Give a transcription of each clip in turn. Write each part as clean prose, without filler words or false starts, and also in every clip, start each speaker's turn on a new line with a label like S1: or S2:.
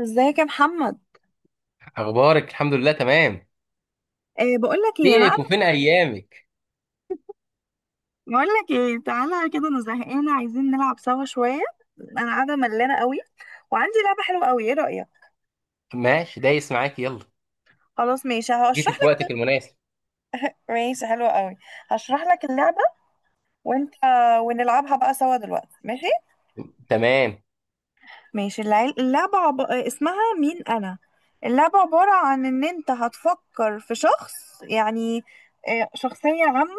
S1: ازيك يا محمد؟
S2: اخبارك، الحمد لله، تمام.
S1: بقول لك ايه،
S2: فينك وفين ايامك؟
S1: بقول لك ايه، تعالى كده، انا زهقانه، عايزين نلعب سوا شويه. انا قاعده ملانه قوي وعندي لعبه حلوه قوي، ايه رايك؟
S2: ماشي، دايس معاك، يلا.
S1: خلاص ماشي،
S2: جيتي
S1: هشرح
S2: في
S1: لك.
S2: وقتك المناسب.
S1: ماشي حلوه قوي. هشرح لك اللعبه وانت، ونلعبها بقى سوا دلوقتي ماشي.
S2: تمام.
S1: ماشي، اللعبه عب... آه، اسمها مين انا. اللعبه عباره عن ان انت هتفكر في شخص، يعني شخصيه عامه،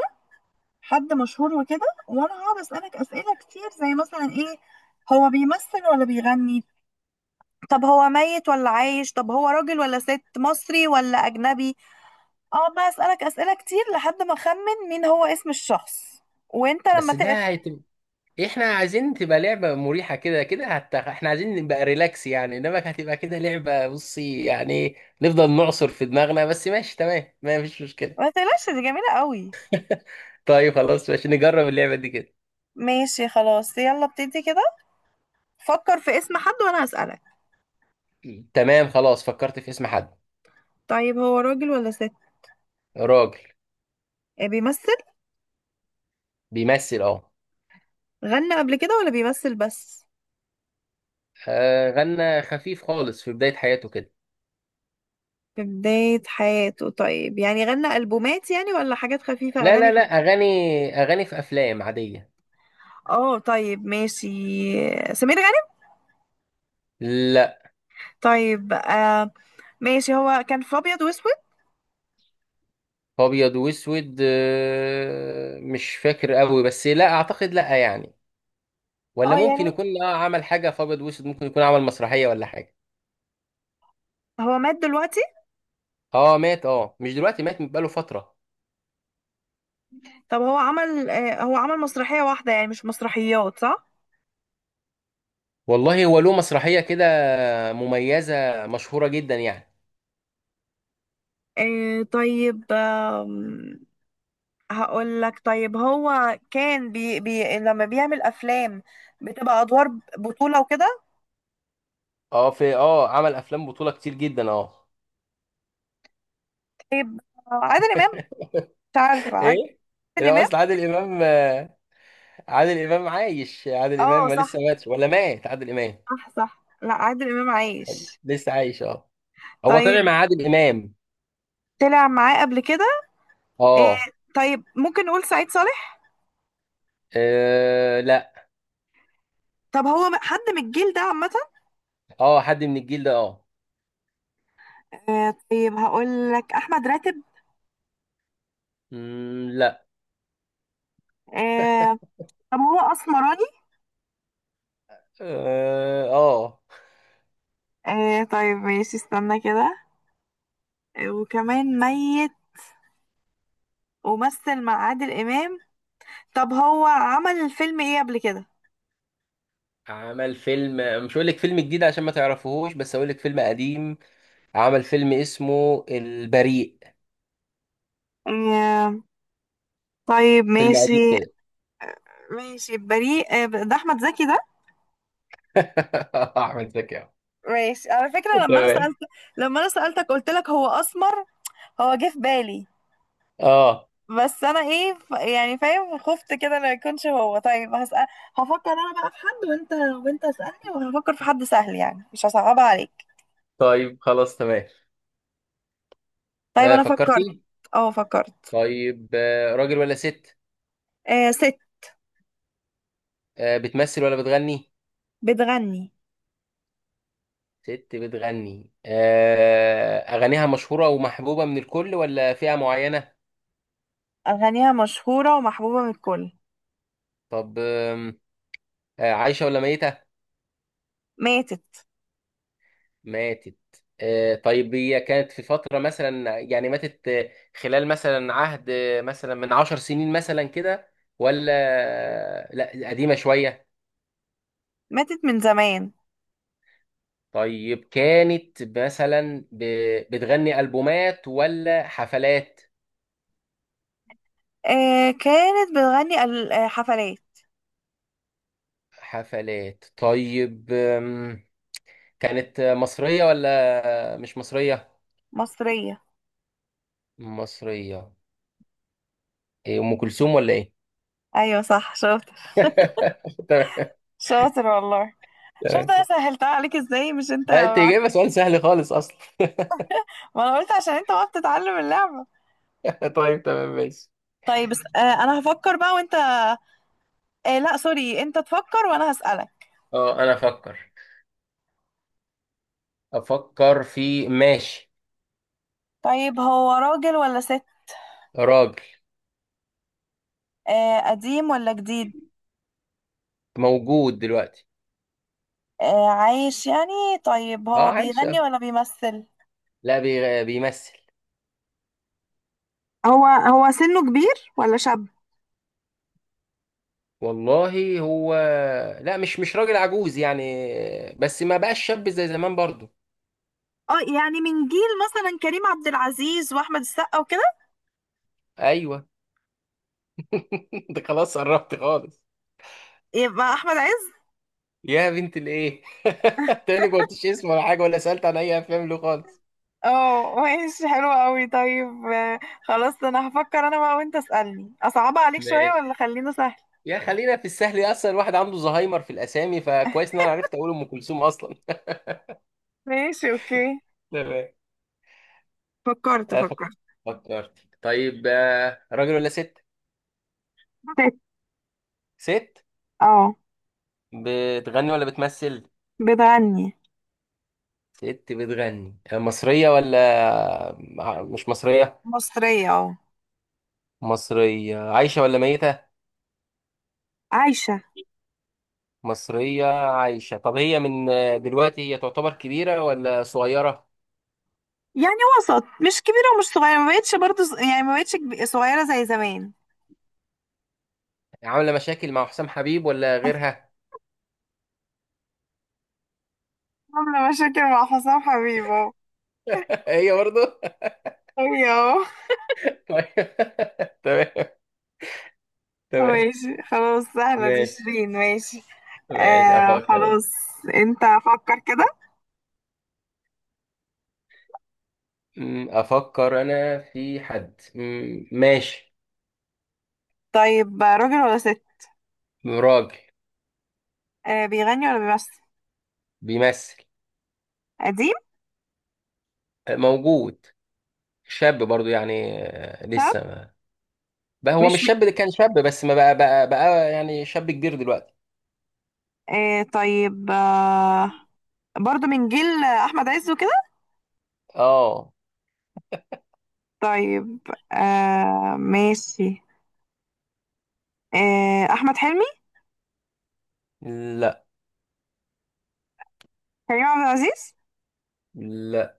S1: حد مشهور وكده، وانا هقعد اسالك اسئله كتير زي مثلا ايه. هو بيمثل ولا بيغني؟ طب هو ميت ولا عايش؟ طب هو راجل ولا ست؟ مصري ولا اجنبي؟ اقعد بقى اسالك اسئله كتير لحد ما اخمن مين هو، اسم الشخص، وانت لما
S2: بس
S1: تقف.
S2: ده احنا عايزين تبقى لعبة مريحة، كده كده احنا عايزين نبقى ريلاكس يعني، انما هتبقى كده لعبة، بصي يعني نفضل نعصر في دماغنا. بس ماشي تمام، ما فيش مشكلة.
S1: ما تقلقش، دي جميله قوي.
S2: طيب خلاص، ماشي نجرب اللعبة دي كده.
S1: ماشي خلاص، يلا ابتدي كده. فكر في اسم حد وانا هسالك.
S2: تمام خلاص، فكرت في اسم حد.
S1: طيب هو راجل ولا ست؟
S2: راجل.
S1: إيه، بيمثل؟
S2: بيمثل اه.
S1: غنى قبل كده ولا بيمثل بس؟
S2: آه، غنى خفيف خالص في بداية حياته كده.
S1: في بداية حياته؟ طيب يعني غنى ألبومات يعني ولا حاجات خفيفة،
S2: لا لا
S1: أغاني
S2: لا،
S1: خفيفة؟
S2: اغاني. اغاني في افلام عاديه.
S1: اه طيب ماشي. سمير غانم؟
S2: لا.
S1: طيب آه ماشي، هو كان في أبيض وأسود؟
S2: ابيض واسود، آه، مش فاكر قوي، بس لا اعتقد، لا يعني. ولا
S1: اه يعني.
S2: ممكن يكون عمل حاجه في ابيض واسود، ممكن يكون عمل مسرحيه ولا حاجه.
S1: هو مات دلوقتي؟
S2: اه، مات. اه، مش دلوقتي مات، بقاله فتره.
S1: طب هو عمل مسرحية واحدة يعني، مش مسرحيات صح؟
S2: والله هو له مسرحيه كده، مميزه مشهوره جدا يعني.
S1: آه طيب، هقول لك، طيب هو كان بي بي لما بيعمل أفلام بتبقى أدوار بطولة وكده؟
S2: اه، في، عمل افلام بطوله كتير جدا اه.
S1: طيب، آه، عادل إمام. مش عارفة عادل
S2: ايه. لا
S1: إمام.
S2: اصل عادل امام، عادل امام عايش، عادل
S1: اه
S2: امام ما لسه
S1: صح
S2: ماتش ولا مات؟ عادل امام
S1: صح صح، لا، عادل امام عايش.
S2: لسه عايش اه. هو
S1: طيب،
S2: طلع مع عادل امام.
S1: طلع معاه قبل كده.
S2: اه.
S1: آه. طيب ممكن نقول سعيد صالح.
S2: آه، لا.
S1: طب هو حد من الجيل ده عامة.
S2: اه، حد من الجيل ده اه.
S1: آه طيب هقول لك احمد راتب.
S2: مم، لا.
S1: آه. طب هو اسمراني.
S2: اه. آه.
S1: آه طيب ماشي، استنى كده. آه، وكمان ميت ومثل مع عادل امام. طب هو عمل فيلم ايه قبل كده؟
S2: عمل فيلم، مش هقول لك فيلم جديد عشان ما تعرفوهوش، بس هقول لك فيلم قديم. عمل فيلم اسمه البريء.
S1: آه طيب
S2: فيلم قديم
S1: ماشي.
S2: كده.
S1: ماشي بريء، آه ده احمد زكي ده.
S2: احمد زكي أهو.
S1: ماشي، على فكرة لما انا
S2: تمام.
S1: سألت، لما انا سألتك قلت لك هو اسمر، هو جه في بالي،
S2: اه
S1: بس انا يعني فاهم، خفت كده ما يكونش هو. طيب هسأل، هفكر انا بقى في حد، وانت، وانت اسألني وهفكر في حد سهل يعني مش هصعبها عليك.
S2: طيب خلاص، تمام.
S1: طيب
S2: آه،
S1: انا فكرت.
S2: فكرتي.
S1: اه فكرت.
S2: طيب، راجل ولا ست؟
S1: آه، ست
S2: بتمثل ولا بتغني؟
S1: بتغني،
S2: ست بتغني. أغانيها مشهورة ومحبوبة من الكل ولا فئة معينة؟
S1: اغانيها مشهورة ومحبوبة من الكل.
S2: طب عايشة ولا ميتة؟
S1: ماتت.
S2: ماتت. طيب هي كانت في فترة مثلا يعني ماتت، خلال مثلا عهد، مثلا من 10 سنين مثلا كده، ولا لا قديمة شوية؟
S1: ماتت من زمان.
S2: طيب كانت مثلا بتغني ألبومات ولا حفلات؟
S1: آه كانت بتغني حفلات.
S2: حفلات. طيب كانت مصرية ولا مش مصرية؟
S1: مصرية.
S2: مصرية. ايه، ام كلثوم ولا ايه؟
S1: ايوه صح، شاطر.
S2: تمام.
S1: شاطر والله. شفت انا
S2: تمام.
S1: سهلتها عليك ازاي مش انت؟
S2: لا، انت جايبه سؤال سهل خالص اصلا.
S1: ما انا قلت عشان انت وقت تتعلم اللعبة.
S2: طيب تمام، ماشي.
S1: طيب بس، آه، انا هفكر بقى، وانت، آه لا سوري، انت تفكر وانا هسألك.
S2: اه، انا افكر. افكر في، ماشي.
S1: طيب هو راجل ولا ست؟
S2: راجل.
S1: آه، قديم ولا جديد؟
S2: موجود دلوقتي.
S1: آه عايش يعني. طيب
S2: اه
S1: هو
S2: عايش
S1: بيغني
S2: اه.
S1: ولا بيمثل؟
S2: لا، بيمثل.
S1: هو سنه كبير ولا شاب؟
S2: والله هو، لا مش راجل عجوز يعني، بس ما بقاش شاب زي زمان برضو.
S1: اه يعني من جيل مثلا كريم عبد العزيز واحمد السقا وكده.
S2: ايوه. انت خلاص قربت خالص.
S1: يبقى احمد عز.
S2: يا بنت الايه! تاني ما قلتش اسمه ولا حاجه، ولا سالت عن اي افلام له خالص.
S1: اه ماشي حلو قوي. طيب، آه، خلاص انا هفكر انا بقى، وانت اسألني، اصعبها عليك شوية
S2: ماشي.
S1: ولا خلينه سهل؟
S2: يا خلينا في السهل، يا اصلا الواحد عنده زهايمر في الاسامي، فكويس ان انا عرفت اقول ام كلثوم اصلا.
S1: ماشي اوكي.
S2: تمام.
S1: فكرت
S2: آه،
S1: فكرت.
S2: فكرت. طيب، راجل ولا ست؟
S1: ست.
S2: ست.
S1: اه.
S2: بتغني ولا بتمثل؟
S1: بتغني.
S2: ست بتغني. مصرية ولا مش مصرية؟
S1: مصرية اه.
S2: مصرية عايشة ولا ميتة؟
S1: عايشة.
S2: مصرية، عايشة. طب هي من دلوقتي، هي تعتبر كبيرة ولا صغيرة؟
S1: يعني وسط، مش كبيرة ومش صغيرة، ما بقتش برضه يعني ما بقتش صغيرة زي زمان.
S2: عاملة مشاكل مع حسام حبيب ولا غيرها؟
S1: عاملة مشاكل مع حسام حبيب اهو.
S2: هي برضه.
S1: أيوة.
S2: طيب. تمام.
S1: اهو
S2: تمام.
S1: ماشي خلاص، سهلة دي،
S2: ماشي.
S1: شيرين، ماشي.
S2: ماشي
S1: آه
S2: افكر.
S1: خلاص. انت، فكر كده.
S2: افكر انا في حد. ماشي.
S1: طيب راجل ولا ست؟
S2: راجل.
S1: آه، بيغني ولا بيمثل؟
S2: بيمثل.
S1: قديم.
S2: موجود. شاب برضو يعني،
S1: طب
S2: لسه ما بقى. هو
S1: مش
S2: مش شاب،
S1: م...
S2: اللي كان شاب بس ما بقى بقى بقى، يعني شاب كبير دلوقتي.
S1: آه طيب، برضه من جيل أحمد عز وكده.
S2: اه.
S1: طيب، آه ماشي. آه أحمد حلمي.
S2: لا.
S1: كريم عبد العزيز.
S2: لا.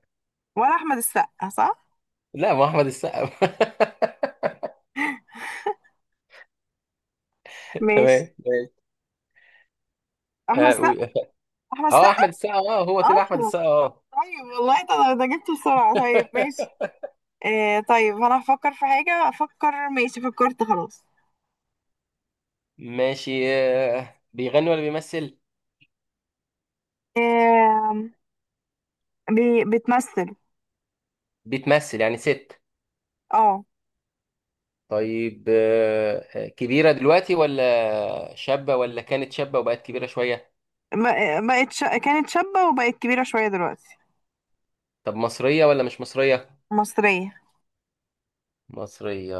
S1: ولا احمد السقا صح؟
S2: لا ما هو احمد السقا.
S1: ماشي.
S2: تمام ماشي.
S1: احمد
S2: اه
S1: السقا.
S2: قول.
S1: احمد
S2: آه،
S1: السقا
S2: احمد السقا اه. هو طلع احمد
S1: اصلا.
S2: السقا اه.
S1: طيب والله ده جبته بسرعه. طيب ماشي. آه طيب انا هفكر في حاجه، افكر ماشي، فكرت خلاص.
S2: ماشي. بيغني ولا بيمثل؟
S1: آه بتمثل.
S2: بتمثل. يعني ست.
S1: اه
S2: طيب، كبيرة دلوقتي ولا شابة، ولا كانت شابة وبقت كبيرة شوية؟
S1: كانت شابه وبقت كبيره شويه دلوقتي.
S2: طب مصرية ولا مش مصرية؟
S1: مصريه.
S2: مصرية.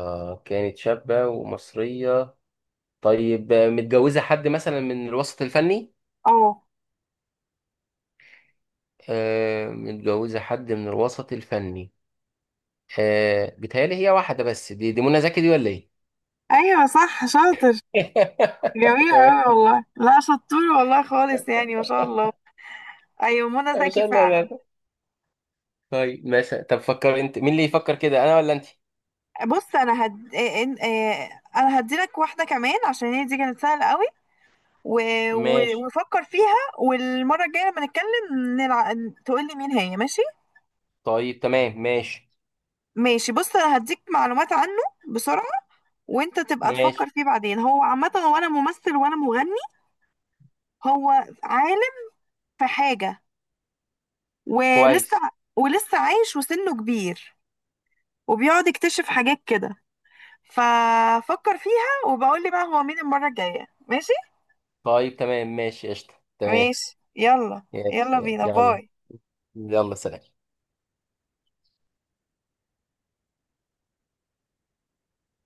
S2: كانت شابة ومصرية. طيب، متجوزة حد مثلا من الوسط الفني؟
S1: اه.
S2: آه، متجوزة حد من الوسط الفني. بيتهيألي هي واحدة بس، دي دي منى زكي دي ولا ايه؟
S1: ايوه صح شاطر. جميل
S2: تمام.
S1: قوي والله، لا شطور والله خالص يعني ما شاء الله. ايوه منى
S2: مش
S1: زكي
S2: انا، لا
S1: فعلا.
S2: لا. طيب ماشي. طب فكر انت، مين اللي يفكر كده، انا ولا انت؟
S1: بص انا هد... إيه- إن- إيه، انا هديلك واحده كمان عشان هي دي كانت سهله قوي. و... و...
S2: ماشي.
S1: وفكر فيها والمره الجايه لما نتكلم تقول لي مين هي ماشي.
S2: طيب تمام، ماشي
S1: ماشي بص، انا هديك معلومات عنه بسرعه، وانت تبقى تفكر
S2: ماشي.
S1: فيه بعدين. هو عامه، هو انا ممثل وانا مغني، هو عالم في حاجه، ولسه
S2: كويس.
S1: ولسه عايش وسنه كبير، وبيقعد يكتشف حاجات كده. ففكر فيها وبقول لي بقى هو مين المره الجايه ماشي.
S2: طيب تمام، ماشي، قشطة. تمام.
S1: ماشي يلا. يلا
S2: يلا.
S1: بينا
S2: يلا.
S1: باي.
S2: يلا سلام.